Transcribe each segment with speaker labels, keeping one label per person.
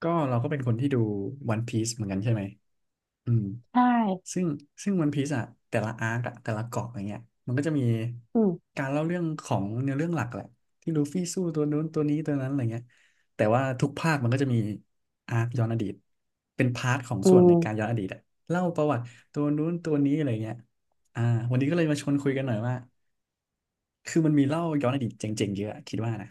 Speaker 1: ก็เราก็เป็นคนที่ดู One p i e c e เหมือนกันใช่ไหมอืม
Speaker 2: ใช่
Speaker 1: ซึ่งซึ่ง One p i e c e อ่ะแต่ละอาร์กอะแต่ละเกาะอย่างเงี้ยมันก็จะมี
Speaker 2: อืม
Speaker 1: การเล่าเรื่องของเนื้อเรื่องหลักแหละที่ลูฟี่สู้ตัวนู้นตัวนี้ตัวนั้นอะไรเงี้ยแต่ว่าทุกภาคมันก็จะมีอาร์กย้อนอดีตเป็นพาร์ทของ
Speaker 2: อื
Speaker 1: ส่วนใน
Speaker 2: ม
Speaker 1: การย้อนอดีตอะเล่าประวัติตัวนู้นตัวนี้อะไรเงี้ยอ่าวันนี้ก็เลยมาชวนคุยกันหน่อยว่าคือมันมีเล่าย้อนอดีตเจ๋งๆเยอะอะคิดว่านะ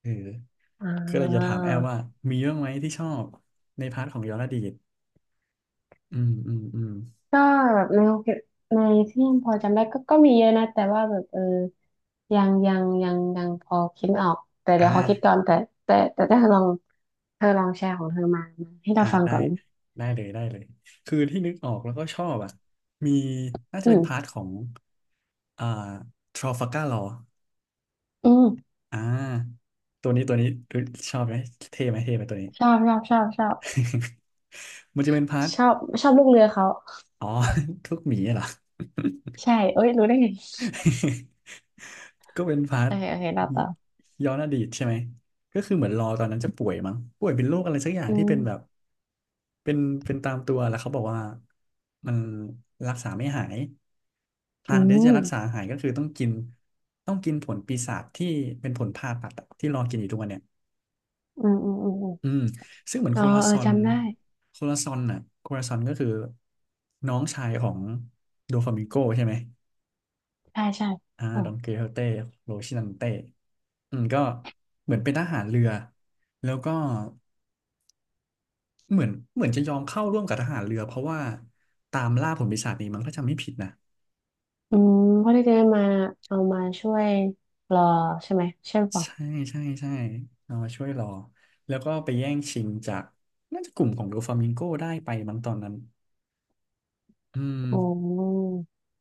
Speaker 1: เออ
Speaker 2: อ่
Speaker 1: ก็เลยจะถา
Speaker 2: า
Speaker 1: มแอลว่ามีบ้างไหมที่ชอบในพาร์ทของย้อนอดีต อืมอืมอืม
Speaker 2: ก็แบบในโอเคในที่ยังพอจำได้ก็มีเยอะนะแต่ว่าแบบยังพอคิดไม่ออกแต่เดี๋ย
Speaker 1: อ่า
Speaker 2: วขอคิดก่อนแต่ถ้าเธอลองเธอลองแชร์ของเธอมาให้เรา
Speaker 1: อ่า
Speaker 2: ฟัง
Speaker 1: ได้
Speaker 2: ก่อน
Speaker 1: ได้เลยได้เลยคือที่นึกออกแล้วก็ชอบอ่ะมีน่าจะ
Speaker 2: อื
Speaker 1: เป็น
Speaker 2: ม
Speaker 1: พาร์ทของอ่าทร a ฟัลการ์ลอ
Speaker 2: อืม
Speaker 1: อ่าตัวนี้ตัวนี้ชอบไหมเท่ไหมเท่ไหมตัวนี้
Speaker 2: ชอบชอบชอบชอบ
Speaker 1: มันจะเป็นพาร์ท
Speaker 2: ชอบชอบลูกเรือเขา
Speaker 1: อ๋อ ทุกหมีเหรอ
Speaker 2: ใช่เอ้ยรู้ได้ไง
Speaker 1: ก็เป็นพาร์
Speaker 2: โอ
Speaker 1: ท
Speaker 2: เคโอเคเราต่อ
Speaker 1: ย้อนอดีตใช่ไหมก็คือเหมือนรอตอนนั้นจะป่วยมั้งป่วยเป็นโรคอะไรสักอย่าง
Speaker 2: อื
Speaker 1: ที่เป็นแบบ
Speaker 2: ม
Speaker 1: เป็นเป็นตามตัวแล้วเขาบอกว่ามันรักษาไม่หายทา
Speaker 2: อื
Speaker 1: งเดียวจะ
Speaker 2: ม
Speaker 1: รักษาหายก็คือต้องกินต้องกินผลปีศาจที่เป็นผลผ่าตัดอะที่รอกินอยู่ทุกวันเนี่ย
Speaker 2: อืมอืมอืมอ
Speaker 1: อื
Speaker 2: ม
Speaker 1: มซึ่งเหมือน
Speaker 2: อ๋
Speaker 1: โค
Speaker 2: อ
Speaker 1: ลา
Speaker 2: เอ
Speaker 1: ซ
Speaker 2: อ
Speaker 1: อน
Speaker 2: จำได้
Speaker 1: โคลาซอนน่ะโคลาซอนก็คือน้องชายของโดฟามิงโกใช่ไหม
Speaker 2: ใช่ใช่
Speaker 1: อ่าดองเกลเฮเต้โรชินันเต้ อืมก็เหมือนเป็นทหารเรือแล้วก็เหมือนเหมือนจะยอมเข้าร่วมกับทหารเรือเพราะว่าตามล่าผลปีศาจนี้มั้งถ้าจำไม่ผิดนะ
Speaker 2: อืมเพื่อที่จะได้มาเอามาช่วยรอใช่ไหมใช่เป
Speaker 1: ใช่
Speaker 2: ล่า
Speaker 1: ใช่ใช่เอามาช่วยรอแล้วก็ไปแย่งชิงจากน่าจะกลุ่มของโดฟามิงโกได้ไปมั้งตอนนั้นอืม
Speaker 2: อ๋อ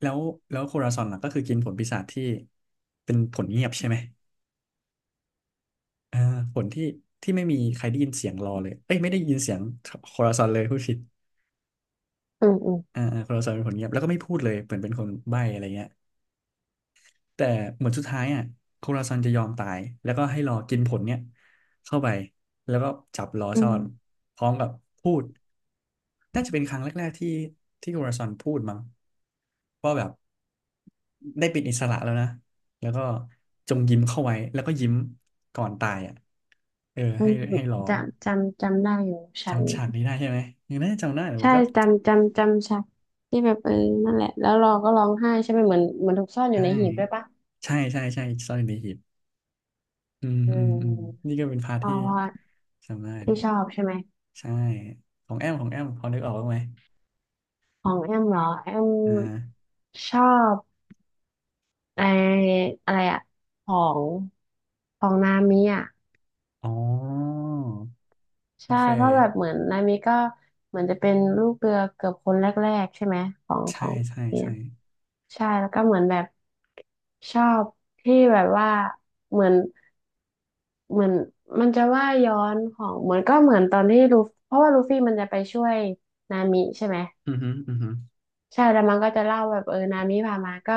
Speaker 1: แล้วแล้วโคราซอนล่ะก็คือกินผลปีศาจที่เป็นผลเงียบใช่ไหมอ่าผลที่ที่ไม่มีใครได้ยินเสียงรอเลยเอ้ยไม่ได้ยินเสียงโคราซอนเลยพูดผิด
Speaker 2: อืมอืม
Speaker 1: อ่าอ่าโคราซอนเป็นผลเงียบแล้วก็ไม่พูดเลยเหมือนเป็นคนใบ้อะไรเงี้ย แต่เหมือนสุดท้ายอ่ะโคราซันจะยอมตายแล้วก็ให้รอกินผลเนี่ยเข้าไปแล้วก็จับล้อ
Speaker 2: อื
Speaker 1: ซ่อน
Speaker 2: ม
Speaker 1: พร้อมกับพูดน่าจะเป็นครั้งแรกๆที่ที่โคราซันพูดมั้งว่าแบบได้เป็นอิสระแล้วนะแล้วก็จงยิ้มเข้าไว้แล้วก็ยิ้มก่อนตายอ่ะเออ
Speaker 2: อื
Speaker 1: ให้
Speaker 2: ม
Speaker 1: ให้รอ
Speaker 2: จำจำได้อยู่ฉัน
Speaker 1: จำฉากนี้ได้ใช่ไหมยังน่าจะจำได้แต่มั
Speaker 2: ใช่
Speaker 1: นก็
Speaker 2: จำจำฉันที่แบบนั่นแหละแล้วเรอก็ร้องไห้ใช่ไหมเหมือนเหมือนถูกซ่อนอยู่
Speaker 1: ใช่
Speaker 2: ในหีบด้วยปะ
Speaker 1: ใช่ใช่ใช่ซ่อนในหีบอืม
Speaker 2: เ
Speaker 1: อืมอืม
Speaker 2: ออ
Speaker 1: นี่ก็เป็นพาร์ท
Speaker 2: เพ
Speaker 1: ที่
Speaker 2: ราะว่า
Speaker 1: จำได้เล
Speaker 2: ที่
Speaker 1: ย
Speaker 2: ชอบใช่ไหม
Speaker 1: ใช่ของแอมของแอมพอนึกออกบ้างไหม
Speaker 2: ของแอมเหรอแอม
Speaker 1: อ่า
Speaker 2: ชอบไออะไรอะของของนามิอะ
Speaker 1: อ๋อโอ
Speaker 2: ใช่
Speaker 1: เค
Speaker 2: เพราะแบบเหมือนนายมิก็เหมือนจะเป็นลูกเรือเกือบคนแรกๆใช่ไหมของข
Speaker 1: ใช่
Speaker 2: อง
Speaker 1: ใช่
Speaker 2: เนี่ย
Speaker 1: ใช่
Speaker 2: ใช่แล้วก็เหมือนแบบชอบที่แบบว่าเหมือนเหมือนมันจะว่าย้อนของเหมือนก็เหมือนตอนที่ลูฟเพราะว่าลูฟี่มันจะไปช่วยนามิใช่ไหม
Speaker 1: อือฮึอือฮึ
Speaker 2: ใช่แล้วมันก็จะเล่าแบบนามิพามาก็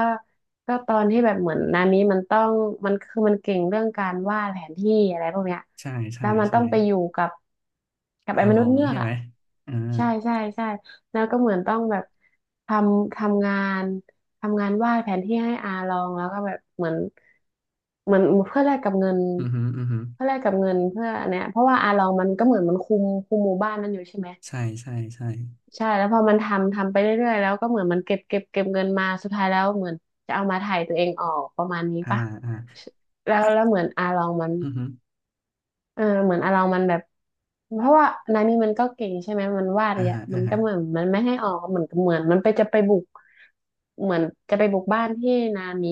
Speaker 2: ก็ตอนที่แบบเหมือนนามิมันต้องมันคือมันเก่งเรื่องการวาดแผนที่อะไรพวกเนี้ย
Speaker 1: ใช่ใช่
Speaker 2: แล้วมัน
Speaker 1: ใช่
Speaker 2: ต้องไปอยู่กับ
Speaker 1: อา
Speaker 2: ไอ้ม
Speaker 1: ล
Speaker 2: นุ
Speaker 1: อ
Speaker 2: ษย์
Speaker 1: ง
Speaker 2: เงือ
Speaker 1: ใช่
Speaker 2: ก
Speaker 1: ไห
Speaker 2: อ่ะ
Speaker 1: มอ่า
Speaker 2: ใช่ใช่ใช่แล้วก็เหมือนต้องแบบททำงานทำงานวาดแผนที่ให้อาลองแล้วก็แบบเหมือนเหมือนเพื่อแลกกับเงิน
Speaker 1: อือฮึอือฮึ
Speaker 2: เพื่อแลกกับเงินเพื่ออันเนี้ยเพราะว่าอาลองมันก็เหมือนมันคุมหมู่บ้านนั้นอยู่ใช่ไหม
Speaker 1: ใช่ใช่ใช่
Speaker 2: ใช่แล้วพอมันทำไปเรื่อยๆแล้วก็เหมือนมันเก็บเงินมาสุดท้ายแล้วเหมือนจะเอามาถ่ายตัวเองออกประมาณนี้
Speaker 1: อ่า
Speaker 2: ปะ
Speaker 1: อ่า
Speaker 2: แล้ว
Speaker 1: อ่ะ
Speaker 2: แล้วเหมือนอาลองมัน
Speaker 1: อือฮึ
Speaker 2: เหมือนอาลองมันแบบเพราะว่านานี่มันก็เก่งใช่ไหมมันวาด
Speaker 1: อ่า
Speaker 2: เนี่ย
Speaker 1: ฮะ
Speaker 2: มั
Speaker 1: อ่า
Speaker 2: น
Speaker 1: ฮะ
Speaker 2: ก็เหมือนมันไม่ให้ออกเหมือนเหมือนมันไปจะไปบุกเหมือนจะไปบุกบ้านที่นามิ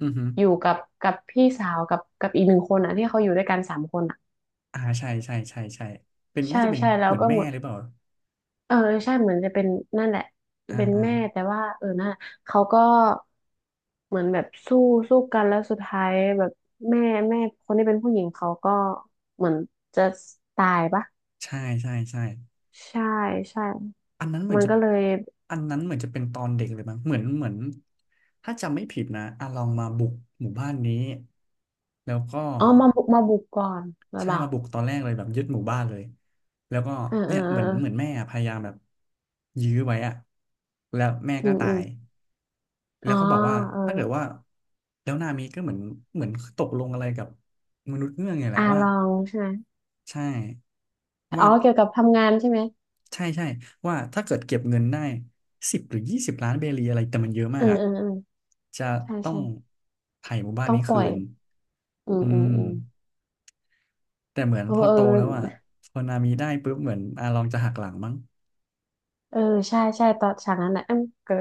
Speaker 1: อือฮึ
Speaker 2: อยู่กับกับพี่สาวกับอีกหนึ่งคนอ่ะที่เขาอยู่ด้วยกันสามคนอ่ะ
Speaker 1: อ่าใช่ใช่ใช่ใช่เป็น
Speaker 2: ใช่
Speaker 1: น่าจะเป็น
Speaker 2: ใช่แล้
Speaker 1: เห
Speaker 2: ว
Speaker 1: มือน
Speaker 2: ก็ห
Speaker 1: แม่
Speaker 2: มด
Speaker 1: หรือเปล่า
Speaker 2: เออใช่เหมือนจะเป็นนั่นแหละ
Speaker 1: อ่า
Speaker 2: เป็น
Speaker 1: อ่า
Speaker 2: แม่แต่ว่านั่นแหละเขาก็เหมือนแบบสู้สู้กันแล้วสุดท้ายแบบแม่แม่คนที่เป็นผู้หญิงเขาก็เหมือนจะตายปะ
Speaker 1: ใช่ใช่ใช่
Speaker 2: ใช่ใช่
Speaker 1: อันนั้นเหมือ
Speaker 2: มั
Speaker 1: น
Speaker 2: น
Speaker 1: จะ
Speaker 2: ก็เลย
Speaker 1: อันนั้นเหมือนจะเป็นตอนเด็กเลยมั้งเหมือนเหมือนถ้าจำไม่ผิดนะอาลองมาบุกหมู่บ้านนี้แล้วก็
Speaker 2: อ๋อมาบุกก่อนหรือ
Speaker 1: ใช่
Speaker 2: เปล่า
Speaker 1: มาบุกตอนแรกเลยแบบยึดหมู่บ้านเลยแล้วก็
Speaker 2: เออเอ
Speaker 1: เนี่
Speaker 2: อ
Speaker 1: ย
Speaker 2: เอ
Speaker 1: เห
Speaker 2: อ
Speaker 1: มือน
Speaker 2: เอ
Speaker 1: เหมือน
Speaker 2: อ
Speaker 1: แม่พยายามแบบยื้อไว้อะแล้วแม่
Speaker 2: อื
Speaker 1: ก็
Speaker 2: ม
Speaker 1: ตา
Speaker 2: อืม
Speaker 1: ยแล้
Speaker 2: อ๋อ
Speaker 1: วก็บอกว่า
Speaker 2: เออ
Speaker 1: ถ้าเกิดว่าแล้วนามิก็เหมือนเหมือนตกลงอะไรกับมนุษย์เงือกไงแหละ
Speaker 2: อา
Speaker 1: ว่า
Speaker 2: ลองใช่ไหม
Speaker 1: ใช่
Speaker 2: อ๋
Speaker 1: ว่า
Speaker 2: อเกี่ยวกับทำงานใช่ไหม
Speaker 1: ใช่ใช่ว่าถ้าเกิดเก็บเงินได้10 หรือ 20 ล้านเบรีอะไรแต่มันเยอะ
Speaker 2: เอ
Speaker 1: มา
Speaker 2: อ
Speaker 1: กอะ
Speaker 2: เออเออ
Speaker 1: จะ
Speaker 2: ใช่
Speaker 1: ต้อ
Speaker 2: ใช่
Speaker 1: งไถ่หมู่บ้าน
Speaker 2: ต้อง
Speaker 1: นี้
Speaker 2: ปล่
Speaker 1: คื
Speaker 2: อย
Speaker 1: น
Speaker 2: อืม
Speaker 1: อื
Speaker 2: อืม
Speaker 1: ม
Speaker 2: อืม
Speaker 1: แต่เหมือน
Speaker 2: เออ
Speaker 1: พอ
Speaker 2: เอ
Speaker 1: โตแล้วอ่ะ
Speaker 2: อ
Speaker 1: พอนามีได้ปุ๊บเหมือนอาลองจะหักหลังมั้ง
Speaker 2: เออใช่ใช่ตอนฉากนั้นนะเอมก็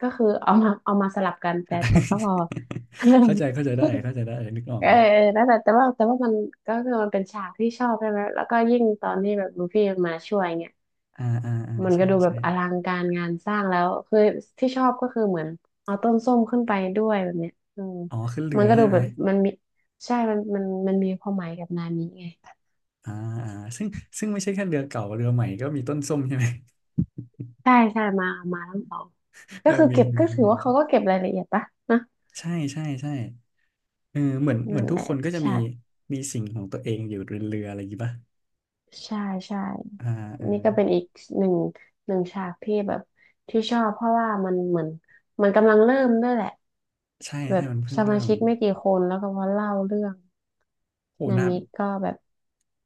Speaker 2: ก็คือ เอามาสลับกันแต่แต่ก็พอ
Speaker 1: เข้าใจเข้าใจได้ เข้าใจได้ นึกออ
Speaker 2: เอ
Speaker 1: ก
Speaker 2: อ
Speaker 1: เลย
Speaker 2: เออนั่นแหละแต่ว่ามันก็คือมันเป็นฉากที่ชอบใช่ไหมแล้วก็ยิ่งตอนที่แบบลูฟี่มาช่วยเงี้ย
Speaker 1: อ่าอ่าอ่า
Speaker 2: มันก็
Speaker 1: ใช่
Speaker 2: ดูแบ
Speaker 1: ใช่
Speaker 2: บอลังการงานสร้างแล้วคือที่ชอบก็คือเหมือนเอาต้นส้มขึ้นไปด้วยแบบเนี้ยอืม
Speaker 1: อ๋อขึ้นเรื
Speaker 2: มั
Speaker 1: อ
Speaker 2: นก็ดู
Speaker 1: ใช่ไหม
Speaker 2: แบบมันมีใช่มันมีความหมายกับนามิไง
Speaker 1: อ่าอ่าซึ่งซึ่งไม่ใช่แค่เรือเก่าเรือใหม่ก็มีต้นส้มใช่ไหม
Speaker 2: ใช่ใช่มามาทั้งสอง
Speaker 1: เอ
Speaker 2: ก็
Speaker 1: อ
Speaker 2: คือ
Speaker 1: มี
Speaker 2: เก็บ
Speaker 1: มี
Speaker 2: ก็ถือ
Speaker 1: มี
Speaker 2: ว่าเขาก็เก็บรายละเอียดปะนะ
Speaker 1: ใช่ใช่ใช่ เออเหมือนเหมื
Speaker 2: นั่
Speaker 1: อน
Speaker 2: น
Speaker 1: ทุ
Speaker 2: แห
Speaker 1: กค
Speaker 2: ละ
Speaker 1: นก็จะมี
Speaker 2: ฉาก
Speaker 1: มีสิ่งของตัวเองอยู่เรือๆอะไรอย่างงี้ป่ะ
Speaker 2: ใช่ใช่
Speaker 1: อ่าอ่า
Speaker 2: นี่ก็เป็นอีกหนึ่งหนึ่งฉากที่แบบที่ชอบเพราะว่ามันเหมือนมันกำลังเริ่มด้วยแหละ
Speaker 1: ใช่
Speaker 2: แบ
Speaker 1: ใช่
Speaker 2: บ
Speaker 1: มันเพิ่ง
Speaker 2: ส
Speaker 1: เริ่
Speaker 2: มา
Speaker 1: ม
Speaker 2: ชิกไม่กี่คนแล้วก็มาเล่าเรื่อง
Speaker 1: โห
Speaker 2: นา
Speaker 1: นา
Speaker 2: มิก็แบบ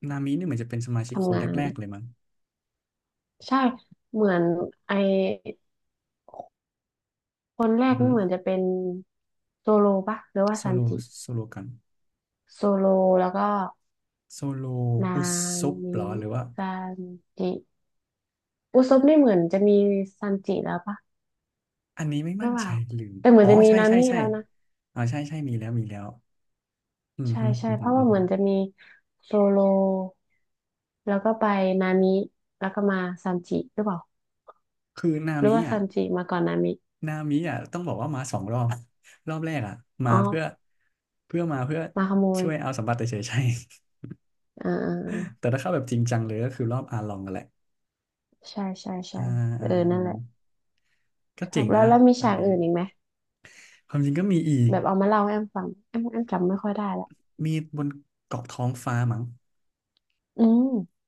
Speaker 1: นามินี่เหมือนจะเป็นสมาชิกค
Speaker 2: ทำ
Speaker 1: น
Speaker 2: งาน
Speaker 1: แรกๆเลยมั้ง
Speaker 2: ใช่เหมือนไอคนแร
Speaker 1: อือ
Speaker 2: ก
Speaker 1: หื
Speaker 2: นี่
Speaker 1: อ
Speaker 2: เหมือนจะเป็นโซโลปะหรือว่า
Speaker 1: โซ
Speaker 2: ซัน
Speaker 1: โล
Speaker 2: จิ
Speaker 1: โซโลกัน
Speaker 2: โซโลแล้วก็
Speaker 1: โซโล
Speaker 2: นา
Speaker 1: อุซบ
Speaker 2: มิ
Speaker 1: เหรอหรือว่า
Speaker 2: ซันจิอุซบนี่เหมือนจะมีซันจิแล้วปะ
Speaker 1: อันนี้ไม่
Speaker 2: หรื
Speaker 1: มั่
Speaker 2: อ
Speaker 1: น
Speaker 2: เป
Speaker 1: ใจ
Speaker 2: ล่า
Speaker 1: ลืม
Speaker 2: แต่เหมือ
Speaker 1: อ๋
Speaker 2: น
Speaker 1: อ
Speaker 2: จะมี
Speaker 1: ใช่
Speaker 2: นา
Speaker 1: ใช่
Speaker 2: มิ
Speaker 1: ใช่
Speaker 2: แล้วนะ
Speaker 1: อ๋อใช่ใช่มีแล้วมีแล้วอือ
Speaker 2: ใช่
Speaker 1: หือ
Speaker 2: ใช่
Speaker 1: อือ
Speaker 2: เพ
Speaker 1: หือ
Speaker 2: ราะ
Speaker 1: อื
Speaker 2: ว่า
Speaker 1: อ
Speaker 2: เห
Speaker 1: หื
Speaker 2: มือ
Speaker 1: อ
Speaker 2: นจะมีโซโลแล้วก็ไปนามิแล้วก็มาซัมจิหรือเปล่า
Speaker 1: คือนา
Speaker 2: หรือ
Speaker 1: มิ
Speaker 2: ว่า
Speaker 1: อ่ะ
Speaker 2: ซัมจิมาก่อนนามิ
Speaker 1: นามิอ่ะต้องบอกว่ามาสองรอบ รอบแรกอ่ะมา
Speaker 2: อ๋อ
Speaker 1: เพื่อเพื่อมาเพื่อ
Speaker 2: มาขโมย
Speaker 1: ช่วยเอาสมบัติเฉยๆใช่
Speaker 2: อ่าอ่าอ่า
Speaker 1: แต่ถ้าเข้าแบบจริงจังเลยก็คือรอบอาลองกันแหละ
Speaker 2: ใช่ใช่
Speaker 1: อ่า
Speaker 2: ใช่เอ
Speaker 1: อ่า
Speaker 2: อนั่นแหละ
Speaker 1: อ่า ก็
Speaker 2: ชอ
Speaker 1: เจ๋
Speaker 2: บ
Speaker 1: ง
Speaker 2: แล้
Speaker 1: นะ
Speaker 2: วแล้วมี
Speaker 1: อัน
Speaker 2: ฉาก
Speaker 1: นี้
Speaker 2: อื่นอีกไหม
Speaker 1: ความจริงก็มีอีก
Speaker 2: แบบเอามาเล่าให้แอมฟังแอมแอมจำไม่ค่อยได้ละ
Speaker 1: มีบนเกาะท้องฟ้ามั้ง
Speaker 2: อืม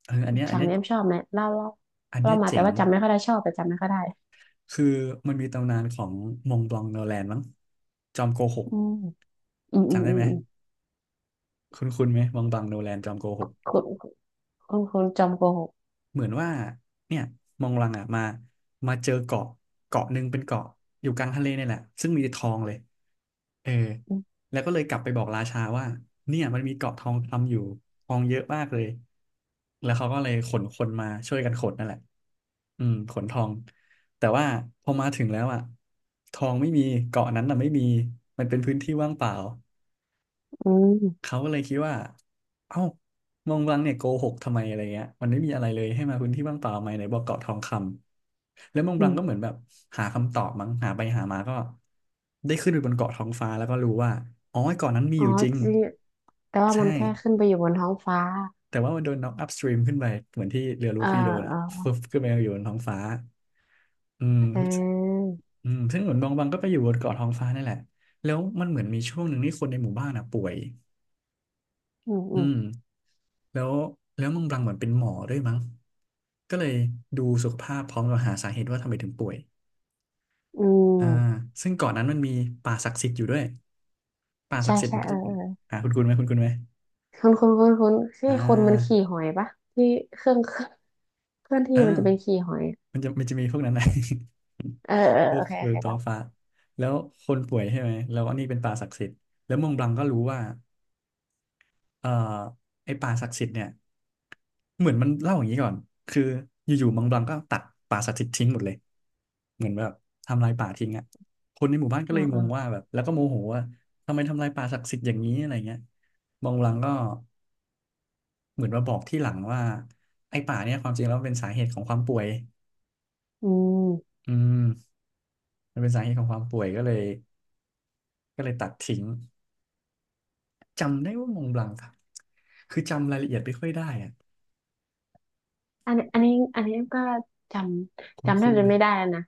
Speaker 1: เอออันเนี้ยอัน
Speaker 2: ฉาก
Speaker 1: เนี้ย
Speaker 2: นี้แอมชอบไหมเล่าเล่า
Speaker 1: อัน
Speaker 2: เล่า
Speaker 1: เนี้ย
Speaker 2: มาแต่
Speaker 1: เจ๋ง
Speaker 2: ว่าจำไม่ค่อยได้ชอบแต่จำไม่ค่อยได้
Speaker 1: คือมันมีตำนานของมงบลองโนแลนมั้งจอมโกหก
Speaker 2: อืมอืมอืม
Speaker 1: จำได้
Speaker 2: อื
Speaker 1: ไห
Speaker 2: ม
Speaker 1: ม
Speaker 2: อืม
Speaker 1: คุณคุณไหมมองบลังโนแลนจอมโกหก
Speaker 2: คุณคุณจอมโกหก
Speaker 1: เหมือนว่าเนี่ยมองบลังอ่ะมามาเจอเกาะเกาะหนึ่งเป็นเกาะอยู่กลางทะเลนี่แหละซึ่งมีแต่ทองเลย เออ
Speaker 2: อืม
Speaker 1: แล้วก็เลยกลับไปบอกราชาว่าเนี่ยมันมีเกาะทองคำอยู่ทองเยอะมากเลยแล้วเขาก็เลยขนคนมาช่วยกันขนนั่นแหละอืมขนทองแต่ว่าพอมาถึงแล้วอ่ะทองไม่มีเกาะนั้นน่ะไม่มีมันเป็นพื้นที่ว่างเปล่า เขาก็เลยคิดว่า เอ้ามองวังเนี่ยโกหกทำไมอะไรเงี้ยมันไม่มีอะไรเลยให้มาพื้นที่ว่างเปล่าไหมไหนบอกเกาะทองคำแล้วมองบ
Speaker 2: อื
Speaker 1: ลังก็เหมือ
Speaker 2: ม
Speaker 1: นแบบหาคำตอบมั้งหาไปหามาก็ได้ขึ้นไปบนเกาะท้องฟ้าแล้วก็รู้ว่าอ๋อไอ้เกาะนั้นมี
Speaker 2: อ๋
Speaker 1: อ
Speaker 2: อ
Speaker 1: ยู่จริง
Speaker 2: จริงแต่ว่า
Speaker 1: ใช่
Speaker 2: มันแค่ขึ้นไปอยู่บนท้องฟ้า
Speaker 1: แต่ว่ามันโดนน็อกอัพสตรีมขึ้นไป เหมือนที่เรือลู
Speaker 2: เออ
Speaker 1: ฟี่โดน
Speaker 2: เอ
Speaker 1: อะ
Speaker 2: อ
Speaker 1: ฟึบขึ้นไปอยู่บนท้องฟ้าอืม
Speaker 2: เออ
Speaker 1: อืมซึ่งเหมือนบองบังก็ไปอยู่บนเกาะท้องฟ้านั่นแหละแล้วมันเหมือนมีช่วงหนึ่งที่คนในหมู่บ้านอะป่วย
Speaker 2: อืมอื
Speaker 1: อื
Speaker 2: ม
Speaker 1: ม แล้วแล้วมองบลังเหมือนเป็นหมอด้วยมั้งก็เลยดูสุขภาพพร้อมกับหาสาเหตุว่าทำไมถึงป่วย
Speaker 2: อื
Speaker 1: อ่า
Speaker 2: ม
Speaker 1: ซึ่งก่อนนั้นมันมีป่าศักดิ์สิทธิ์อยู่ด้วยป่าศั
Speaker 2: ใช่
Speaker 1: กดิ์สิทธิ์
Speaker 2: ใช่
Speaker 1: มันก็
Speaker 2: เออ
Speaker 1: จะเป็
Speaker 2: เอ
Speaker 1: น
Speaker 2: อ
Speaker 1: อ่าคุณคุณไหมคุณคุณไหม
Speaker 2: คุณคุณคุณที่
Speaker 1: อ่
Speaker 2: คนมันขี่
Speaker 1: า
Speaker 2: หอยปะที่เครื่อง เครื่องเคลื่อน
Speaker 1: เอ
Speaker 2: ที่มันจะเป็น
Speaker 1: อ
Speaker 2: ขี่หอย
Speaker 1: มันจะมีพวกนั้นนะ
Speaker 2: เออเออ
Speaker 1: พว
Speaker 2: โอ
Speaker 1: ก
Speaker 2: เคโอ
Speaker 1: เว
Speaker 2: เค
Speaker 1: ลตอ
Speaker 2: เล่าต่
Speaker 1: ฟ้า
Speaker 2: อ
Speaker 1: แล้วคนป่วยใช่ไหมแล้วอันนี้เป็นป่าศักดิ์สิทธิ์แล้วมองบลังก็รู้ว่าเอ่อไอ้ป่าศักดิ์สิทธิ์เนี่ย เหมือนมันเล่าอย่างนี้ก่อนคืออยู่ๆมังบลังก็ตัดป่าสถิตทิ้งหมดเลยเหมือนแบบทำลายป่าทิ้งอ่ะคนในหมู่บ้านก็เล
Speaker 2: อ่า
Speaker 1: ยง
Speaker 2: อ่า
Speaker 1: งว่าแบบแล้วก็โมโหว่าทำไมทำลายป่าศักดิ์สิทธิ์อย่างนี้อะไรเงี้ยมังบลังก็เหมือนมาบอกที่หลังว่าไอ้ป่าเนี่ยความจริงแล้วมันเป็นสาเหตุของความป่วย
Speaker 2: อืม
Speaker 1: อืมมันเป็นสาเหตุของความป่วยก็เลยตัดทิ้งจำได้ว่ามังบลังครับคือจำรายละเอียดไม่ค่อยได้อ่ะ
Speaker 2: อันนี้อันนี้ก็จำ
Speaker 1: คุ้น
Speaker 2: จำแท
Speaker 1: คุ้
Speaker 2: บ
Speaker 1: น
Speaker 2: จะ
Speaker 1: ไหม
Speaker 2: ไม่ได้แล้วนะ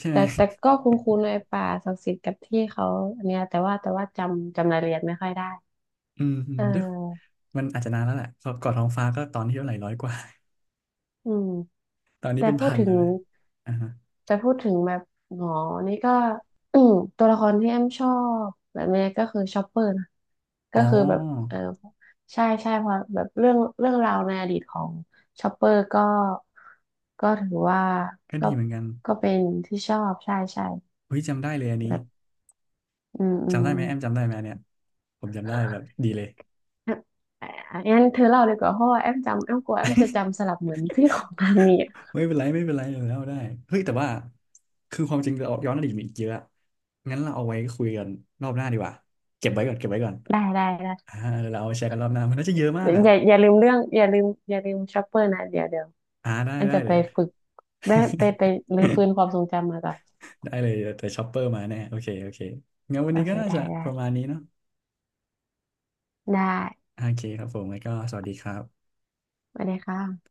Speaker 1: ใช่ไห
Speaker 2: แต่
Speaker 1: ม
Speaker 2: แต่ก็คุ้นคุ้นไอป่าศักดิ์สิทธิ์กับที่เขาอันเนี้ยแต่ว่าจำรายละเอียดไม่ค่อยได้
Speaker 1: อืมอื
Speaker 2: เ
Speaker 1: มด้วย
Speaker 2: ออ
Speaker 1: มันอาจจะนานแล้วแหละก่อนท้องฟ้าก็ตอนที่เท่าไหร่ร้อยกว่า
Speaker 2: อืม
Speaker 1: ตอนนี้
Speaker 2: แต่
Speaker 1: เป็น
Speaker 2: พูด
Speaker 1: พัน
Speaker 2: ถึ
Speaker 1: แล้
Speaker 2: ง
Speaker 1: วนะอ่าฮะ
Speaker 2: แต่พูดถึงแบบหมอนี่ก็ ตัวละครที่แอมชอบแบบนี้ก็คือชอปเปอร์นะ
Speaker 1: อ๋อ
Speaker 2: ก็คือแบบเออใช่ใช่เพราะแบบเรื่องราวในอดีตของชอปเปอร์ก็ก็ถือว่า
Speaker 1: ก็
Speaker 2: ก็
Speaker 1: ดีเหมือนกัน
Speaker 2: ก็เป็นที่ชอบใช่ใช่
Speaker 1: เฮ้ยจำได้เลยอันนี้
Speaker 2: แบบอืมอื
Speaker 1: จำ
Speaker 2: ม
Speaker 1: ได้ไหมแอมจำได้ไหมอันเนี่ยผมจำได้แบบดีเลย
Speaker 2: เอมองั้นเธอเล่าเลยกว่าเพราะว่าแอมจำแอมกลัวแอมจะจำสลับเหมือนที่ของทางนี้อะ
Speaker 1: ไม่เป็นไรไม่เป็นไรแล้วได้เฮ้ยแต่ว่า คือความจริงเราย้อนอดีตมีอีกเยอะงั้นเราเอาไว้คุยกันรอบหน้าดีกว่าเก็บไว้ก่อนเก็บไว้ก่อน
Speaker 2: ได้ได้ได้
Speaker 1: อ่าเดี๋ยวเราเอามาแชร์กันรอบหน้ามันน่าจะเยอะมากอ่ะ
Speaker 2: อย่าลืมเรื่องอย่าลืมอย่าลืมชอปเปอร์นะเดี๋ยวเดี๋ยว
Speaker 1: อ่าได้
Speaker 2: อัน
Speaker 1: ได้
Speaker 2: จะ
Speaker 1: เล
Speaker 2: ไป
Speaker 1: ย
Speaker 2: ฝึกแม่ไปไปรื้อฟื้นความ ทรงจำมาก่อน
Speaker 1: ได้เลยแต่ช็อปเปอร์มาแน่โอเคโอเคงั้นวัน
Speaker 2: โอ
Speaker 1: นี้
Speaker 2: เค
Speaker 1: ก็น่า
Speaker 2: ได้
Speaker 1: จะ
Speaker 2: ได้
Speaker 1: ประมาณนี้เนาะ
Speaker 2: ได้
Speaker 1: โอเคครับผมแล้วก็สวัสดีครับ
Speaker 2: สวัสดีค่ะ